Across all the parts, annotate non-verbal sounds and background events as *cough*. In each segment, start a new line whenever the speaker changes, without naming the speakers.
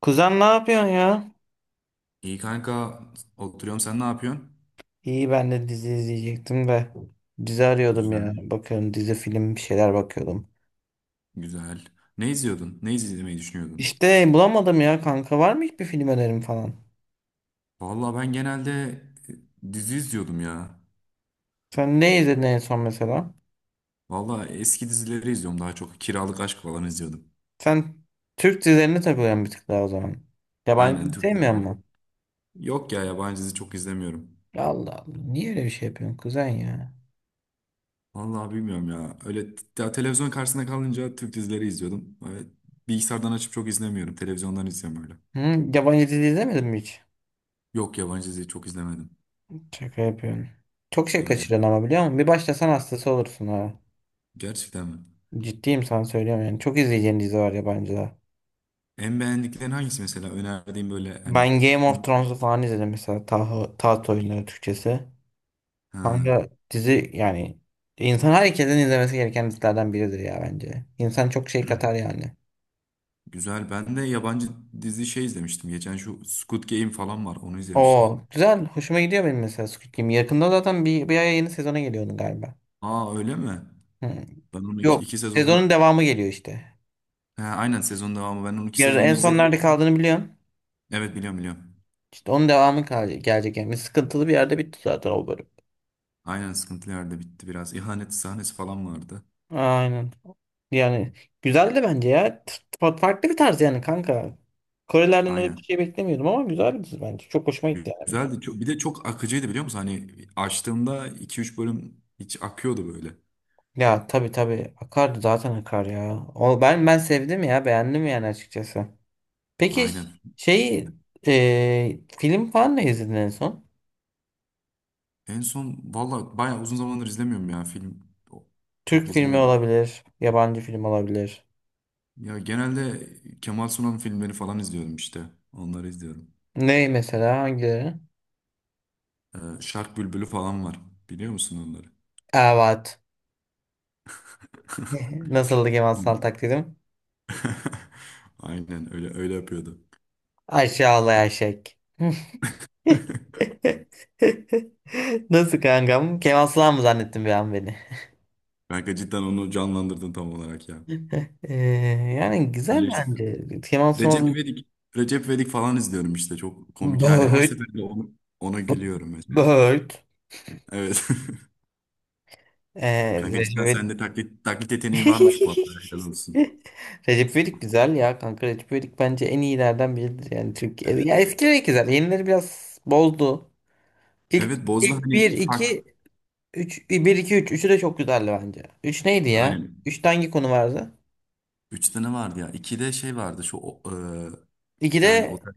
Kuzen ne yapıyorsun ya?
İyi kanka, oturuyorum, sen ne yapıyorsun?
İyi, ben de dizi izleyecektim de dizi arıyordum ya.
Güzel.
Bakıyorum, dizi film bir şeyler bakıyordum.
Güzel. Ne izliyordun? Ne izlemeyi düşünüyordun?
İşte bulamadım ya kanka, var mı hiçbir film önerim falan?
Vallahi ben genelde dizi izliyordum ya.
Sen ne izledin en son mesela?
Vallahi eski dizileri izliyorum daha çok. Kiralık Aşk falan izliyordum.
Sen Türk dizilerine takılıyorsun bir tık daha o zaman. Yabancı
Aynen,
dizi
Türk
sevmiyor
dizileri.
musun?
Yok ya, yabancı dizi çok izlemiyorum.
Allah Allah, niye öyle bir şey yapıyorsun kuzen ya?
Vallahi bilmiyorum ya. Öyle ya televizyon karşısında kalınca Türk dizileri izliyordum. Öyle bilgisayardan açıp çok izlemiyorum. Televizyondan izliyorum öyle.
Hı? Yabancı dizi izlemedin mi hiç?
Yok, yabancı dizi çok izlemedim.
Şaka yapıyorsun. Çok şey
Öyle.
kaçırıyorsun ama biliyor musun? Bir başlasan hastası olursun ha.
Gerçekten mi?
Ciddiyim, sana söylüyorum yani. Çok izleyeceğin dizi var yabancıda.
En beğendiklerin hangisi mesela? Önerdiğim böyle hani.
Ben Game of Thrones'u falan izledim mesela, Taht, Taht Oyunları Türkçesi.
Ha,
Kanka dizi yani, insan herkesin izlemesi gereken dizilerden biridir ya bence. İnsan çok şey katar yani.
güzel. Ben de yabancı dizi şey izlemiştim. Geçen şu Squid Game falan var. Onu izlemiştim.
O güzel, hoşuma gidiyor benim mesela Squid Game. Yakında zaten bir aya yeni sezona geliyor onun galiba.
Aa, öyle mi?
Hmm.
Ben onu iki,
Yok,
iki sezon.
sezonun devamı geliyor işte.
Ha, aynen, sezon devamı. Ben onun iki
Yarın
sezonu
en son
izledim.
nerede kaldığını biliyorum.
Evet, biliyorum biliyorum.
İşte onun devamı gelecek yani. Sıkıntılı bir yerde bitti zaten o bölüm.
Aynen, sıkıntılı yerde bitti biraz. İhanet sahnesi falan vardı.
Aynen. Yani güzeldi bence ya. Farklı bir tarz yani kanka. Korelerden öyle bir
Aynen.
şey beklemiyordum ama güzeldi bence. Çok hoşuma gitti yani.
Güzeldi. Çok, bir de çok akıcıydı, biliyor musun? Hani açtığımda iki üç bölüm hiç akıyordu böyle.
Ya tabii tabii, akardı zaten, akar ya. O, ben sevdim ya, beğendim yani açıkçası. Peki
Aynen.
şey film falan ne izledin en son?
En son valla bayağı uzun zamandır izlemiyorum ya film. O- Çok
Türk filmi
izlemedim.
olabilir, yabancı film olabilir.
Ya genelde Kemal Sunal'ın filmleri falan izliyorum işte. Onları izliyorum.
Ne mesela, hangileri?
Şark Bülbülü falan var. Biliyor musun onları?
Evet. *laughs* Nasıldı Kemal Sunal
On-
taklidim?
*laughs* Aynen, öyle öyle yapıyordu.
Aşağılayan şek. *laughs* *laughs*
*laughs*
Nasıl kankam? Kemal Sunal mı zannettin bir an beni?
Kanka, cidden onu canlandırdın tam olarak ya.
Ee, Yani
Öyle
güzel
işte.
bence. Kemal
Recep
Sunal
İvedik, Recep İvedik falan izliyorum işte. Çok komik yani. Her
Böğüt
seferinde onu, ona gülüyorum mesela.
Böğüt
Evet. *laughs* Kanka,
Recep
cidden
İvedik.
sende taklit
*laughs*
yeteneği varmış bu arada. Helal olsun.
Recep İvedik güzel ya kanka. Recep İvedik bence en iyilerden biridir. Yani Türkiye. Ya
Evet.
eskileri güzel. Yenileri biraz bozdu. İlk,
Evet, Boz'da
ilk 1,
hani fark,
2, 3, 1, 2, 3. Üçü de çok güzeldi bence. 3 neydi ya?
aynen.
3'te hangi konu vardı?
Üç tane vardı ya. İkide şey vardı şu bir tane
İkide.
otel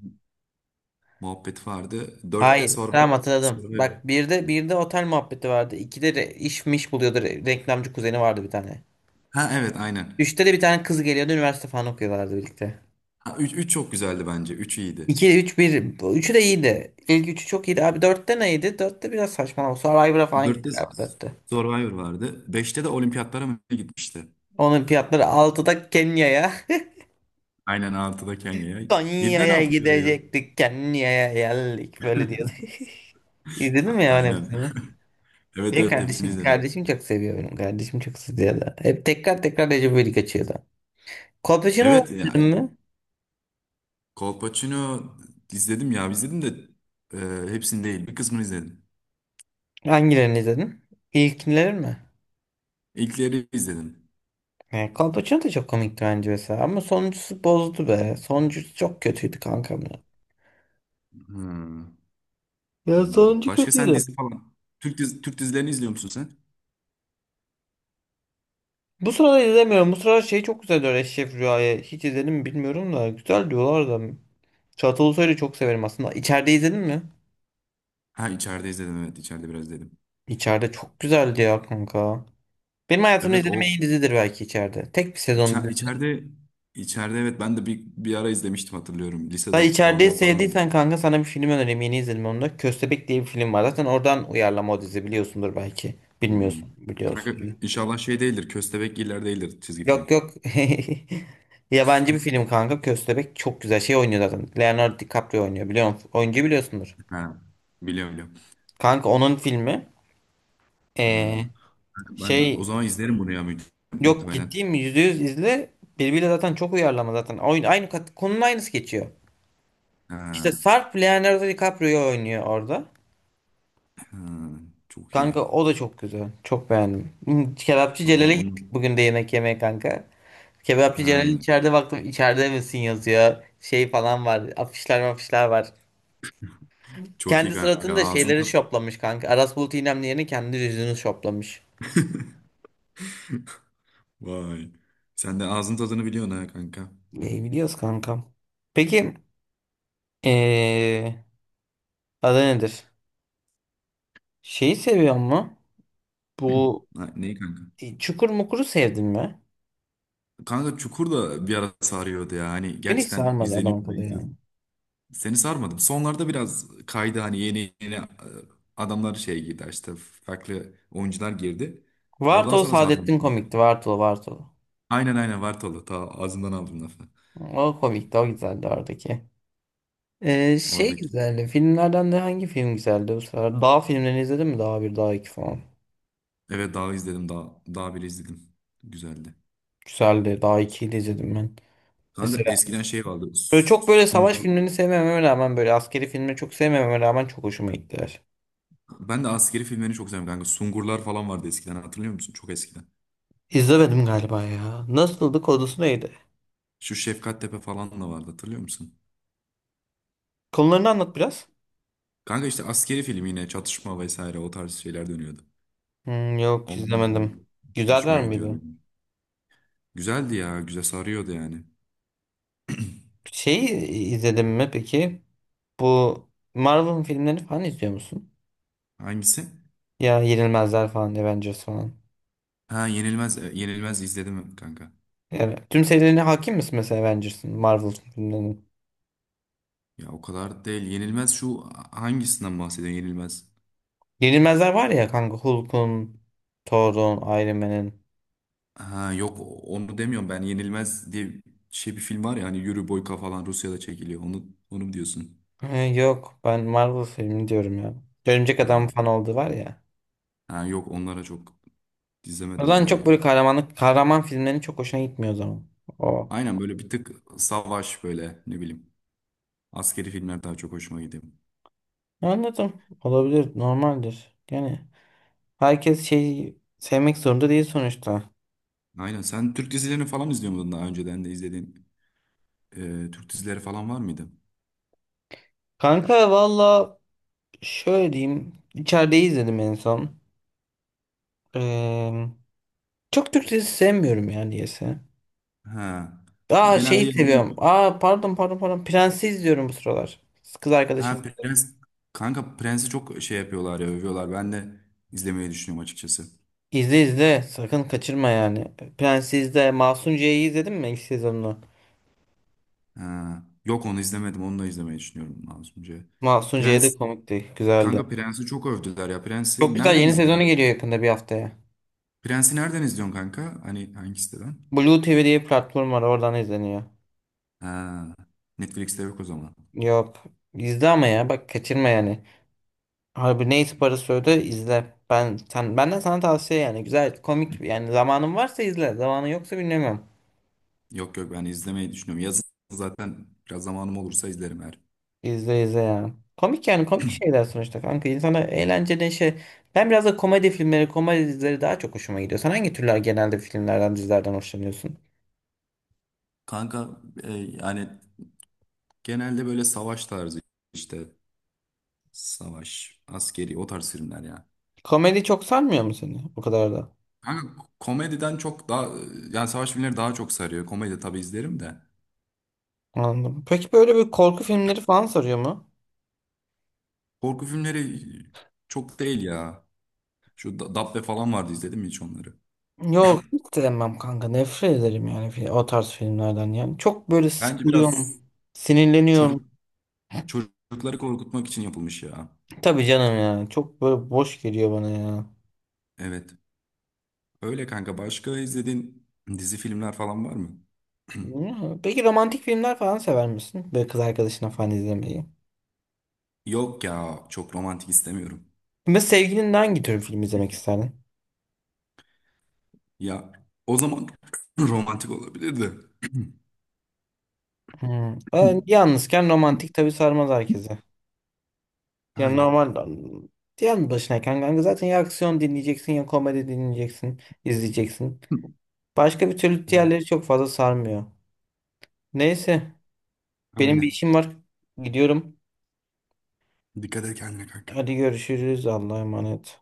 muhabbeti vardı. Dörtte
Hayır.
Survivor.
Tamam, hatırladım.
Survivor.
Bak, bir de otel muhabbeti vardı. İkide de iş miş buluyordu. Reklamcı kuzeni vardı bir tane.
Ha, evet, aynen.
Üçte de bir tane kız geliyordu. Üniversite falan okuyorlardı birlikte.
Ha, üç çok güzeldi bence. Üç iyiydi.
İki, üç, bir. Bu üçü de iyiydi. İlk üçü çok iyiydi. Abi dörtte neydi? Dörtte biraz saçmalama. Survivor'a falan
Dörtte
gittik abi dörtte.
Survivor vardı. Beşte de olimpiyatlara mı ne gitmişti?
Onun fiyatları altıda Kenya'ya.
Aynen, altıda
*laughs*
Kenya'ya. Yedide ne
Konya'ya
yapıyordu ya?
gidecektik, Kenya'ya geldik. Böyle diyordu. *laughs* İzledin mi
Ha,
ya onun
aynen.
hepsini?
*laughs* Evet
Benim
evet, hepsini
kardeşim,
izledim.
kardeşim çok seviyor benim. Kardeşim çok seviyor da. Hep tekrar tekrar Recep İvedik açıyordu. Kolpaçino'yu
Evet ya,
izledin mi?
Kolpaçino izledim ya, izledim de e, hepsini değil, bir kısmını izledim.
Hangilerini izledin? İlkleri mi?
İlkleri izledim.
Yani Kolpaçino da çok komikti bence mesela. Ama sonuncusu bozdu be. Sonuncusu çok kötüydü kankam ya.
Hmm,
Ya
anladım.
sonuncu
Başka sen
kötüydü.
dizi falan. Türk dizilerini izliyor musun sen?
Bu sırada izlemiyorum. Bu sıralar şey çok güzel diyor, Eşref Rüya'yı. Hiç izledim mi bilmiyorum da. Güzel diyorlar da. Çağatay Ulusoy'u çok severim aslında. İçeride izledin mi?
Ha, içeride izledim, evet, içeride biraz izledim.
İçeride çok güzeldi ya kanka. Benim hayatımda
Evet,
izlediğim en
o
iyi dizidir belki içeride. Tek bir sezon.
içe- içeride içeride, evet, ben de bir ara izlemiştim, hatırlıyorum. Lise
Sen içeriği
zamanları falandı.
sevdiysen kanka, sana bir film önereyim. Yeni izledim onu da. Köstebek diye bir film var. Zaten oradan uyarlama o dizi, biliyorsundur belki.
Hmm.
Bilmiyorsun, biliyorsun.
Kanka, inşallah şey değildir. Köstebek Giller değildir, çizgi
Yok
film. *laughs*
yok. *laughs* Yabancı bir film kanka. Köstebek çok güzel şey oynuyor zaten, Leonardo DiCaprio oynuyor. Biliyor musun? Oyuncu biliyorsundur.
Ha, biliyorum biliyorum.
Kanka onun filmi
Ha.
ee,
Kanka, ben o
şey
zaman izlerim bunu ya,
yok,
muhtemelen.
ciddiyim, yüzde yüz izle. Birbiriyle zaten çok uyarlama zaten. Oyun, konunun aynısı geçiyor. İşte
Ha,
Sarp Leonardo DiCaprio oynuyor orada.
ha, çok iyi.
Kanka o da çok güzel. Çok beğendim. Hmm, Kebapçı
Tamam
Celal'e
onu.
gittik bugün de yemek yemeye kanka. Kebapçı Celal'in,
Ha,
içeride baktım, içeride misin yazıyor. Şey falan var, afişler, afişler var.
çok iyi
Kendi
kanka.
suratını da
Ağzın
şeyleri
tat,
şoplamış kanka. Aras Bulut İynemli yerine kendi yüzünü şoplamış.
*laughs* vay. Sen de ağzın tadını biliyorsun ha kanka.
İyi biliyoruz kankam. Peki ee, adı nedir? Şeyi seviyor mu? Bu
Ha, neyi kanka?
Çukur Mukur'u sevdin mi?
Kanka, Çukur da bir ara sarıyordu ya. Hani
Beni hiç
gerçekten
sarmadı,
izleniyor. Ben
alakalı yani.
izliyordum. Seni sarmadım. Sonlarda biraz kaydı hani, yeni yeni adamlar şey girdi işte, farklı oyuncular girdi. Oradan
Vartolu
sonra sarmadım.
Saadettin komikti. Vartolu Vartolu.
Aynen aynen, Vartolu. Ta ağzından aldım lafı.
O komikti, o güzeldi oradaki. Şey
Oradaki.
güzeldi. Filmlerden de hangi film güzeldi bu sefer? Dağ filmlerini izledin mi? Dağ bir, Dağ iki falan.
Evet, daha izledim. Daha bile izledim. Güzeldi.
Güzeldi. Dağ ikiyi de izledim ben. Mesela
Kanka, eskiden şey vardı.
böyle çok, böyle savaş
Sungur,
filmlerini sevmememe rağmen, böyle askeri filmleri çok sevmememe rağmen çok hoşuma gittiler.
Ben de askeri filmlerini çok seviyorum kanka. Sungurlar falan vardı eskiden, hatırlıyor musun? Çok eskiden.
İzlemedim galiba ya. Nasıldı? Konusu neydi?
Şu Şefkattepe falan da vardı, hatırlıyor musun?
Konularını anlat biraz.
Kanka, işte askeri film, yine çatışma vesaire o tarz şeyler dönüyordu.
Hmm, yok
Ondan dolayı
izlemedim.
hoşuma
Güzeller miydi?
gidiyordu. Güzeldi ya, güzel sarıyordu yani.
Şeyi izledim mi peki? Bu Marvel filmlerini falan izliyor musun?
Hangisi?
Ya Yenilmezler falan, Avengers falan.
Ha, Yenilmez, Yenilmez izledim kanka.
Evet. Tüm serilerine hakim misin mesela Avengers'ın, Marvel filmlerinin?
Ya, o kadar değil. Yenilmez, şu, hangisinden bahsediyorsun Yenilmez?
Yenilmezler var ya kanka, Hulk'un, Thor'un, Iron Man'in.
Ha yok, onu demiyorum ben Yenilmez diye, şey, bir film var ya hani, Yuri Boyka falan, Rusya'da çekiliyor. Onu mu diyorsun?
He, yok, ben Marvel filmi diyorum ya. Örümcek
Ha.
Adam fan oldu var ya.
Ha yok, onlara çok izlemedim
Ulan
onları
çok
ya.
böyle kahramanlık, kahraman filmlerin çok hoşuna gitmiyor o zaman. O.
Aynen, böyle bir tık savaş böyle, ne bileyim. Askeri filmler daha çok hoşuma gidiyor.
Anladım. Olabilir. Normaldir. Yani herkes şeyi sevmek zorunda değil sonuçta.
Aynen, sen Türk dizilerini falan izliyor muydun, daha önceden de izlediğin Türk dizileri falan var mıydı?
Kanka valla şöyle diyeyim, İçerideyi izledim en son. Ee, Çok Türk dizisi sevmiyorum yani diyese.
Ha.
Aa,
Genelde
şeyi seviyorum. Aa, pardon pardon pardon. Prensi izliyorum bu sıralar. Kız arkadaşım,
ha,
izledik.
Prens, kanka Prens'i çok şey yapıyorlar ya, övüyorlar. Ben de izlemeyi düşünüyorum açıkçası.
İzle izle. Sakın kaçırma yani. Prensi izle. Masunciye'yi izledin mi ilk sezonunu?
Ha. Yok, onu izlemedim, onu da izlemeyi düşünüyorum lazımca.
Masunciye de
Prens,
komikti. Güzeldi.
kanka Prens'i çok övdüler ya.
Çok
Prens'i
güzel,
nereden
yeni sezonu
izleyebilirim?
geliyor yakında bir haftaya.
Prens'i nereden izliyorsun kanka? Hani hangi siteden?
Blue TV diye bir platform var. Oradan izleniyor.
Ha, Netflix'te yok o zaman.
Yok. İzle ama ya. Bak, kaçırma yani. Harbi, neyse parası öde izle. Ben sen, benden sana tavsiye yani. Güzel, komik yani, zamanın varsa izle. Zamanın yoksa bilmiyorum.
Yok yok, ben izlemeyi düşünüyorum. Yazın zaten biraz zamanım olursa izlerim her.
İzle izle ya. Komik yani, komik şeyler sonuçta kanka. İnsana eğlence, neşe. Ben biraz da komedi filmleri, komedi dizileri daha çok hoşuma gidiyor. Sen hangi türler genelde filmlerden, dizilerden hoşlanıyorsun?
Kanka, yani genelde böyle savaş tarzı işte, savaş, askeri o tarz filmler ya.
Komedi çok sarmıyor mu seni? O kadar da.
Kanka, komediden çok daha, yani savaş filmleri daha çok sarıyor. Komedi tabii izlerim de.
Anladım. Peki böyle bir korku filmleri falan sarıyor mu?
Korku filmleri çok değil ya. Şu Dabbe falan vardı, izledim mi hiç onları?
Yok, hiç sevmem kanka. Nefret ederim yani, o tarz filmlerden yani. Çok böyle
Bence
sıkılıyorum.
biraz
Sinirleniyorum.
çocuk çocukları korkutmak için yapılmış ya.
Tabii canım ya. Çok böyle boş geliyor bana ya.
Evet. Öyle kanka. Başka izlediğin dizi, filmler falan var mı?
Bilmiyorum. Peki romantik filmler falan sever misin? Böyle kız arkadaşına falan izlemeyi.
Yok ya. Çok romantik istemiyorum.
Ve sevgilinle hangi tür film izlemek isterdin?
Ya, o zaman *clears throat* romantik olabilirdi.
Hmm. Yalnızken romantik
*clears throat*
tabii sarmaz herkese. Yani
Aynen.
normal yani, başınayken kanka zaten ya aksiyon dinleyeceksin ya komedi dinleyeceksin, izleyeceksin. Başka bir türlü
Evet.
diğerleri çok fazla sarmıyor. Neyse, benim bir
Aynen.
işim var. Gidiyorum.
Dikkat et kendine kanka.
Hadi görüşürüz. Allah'a emanet.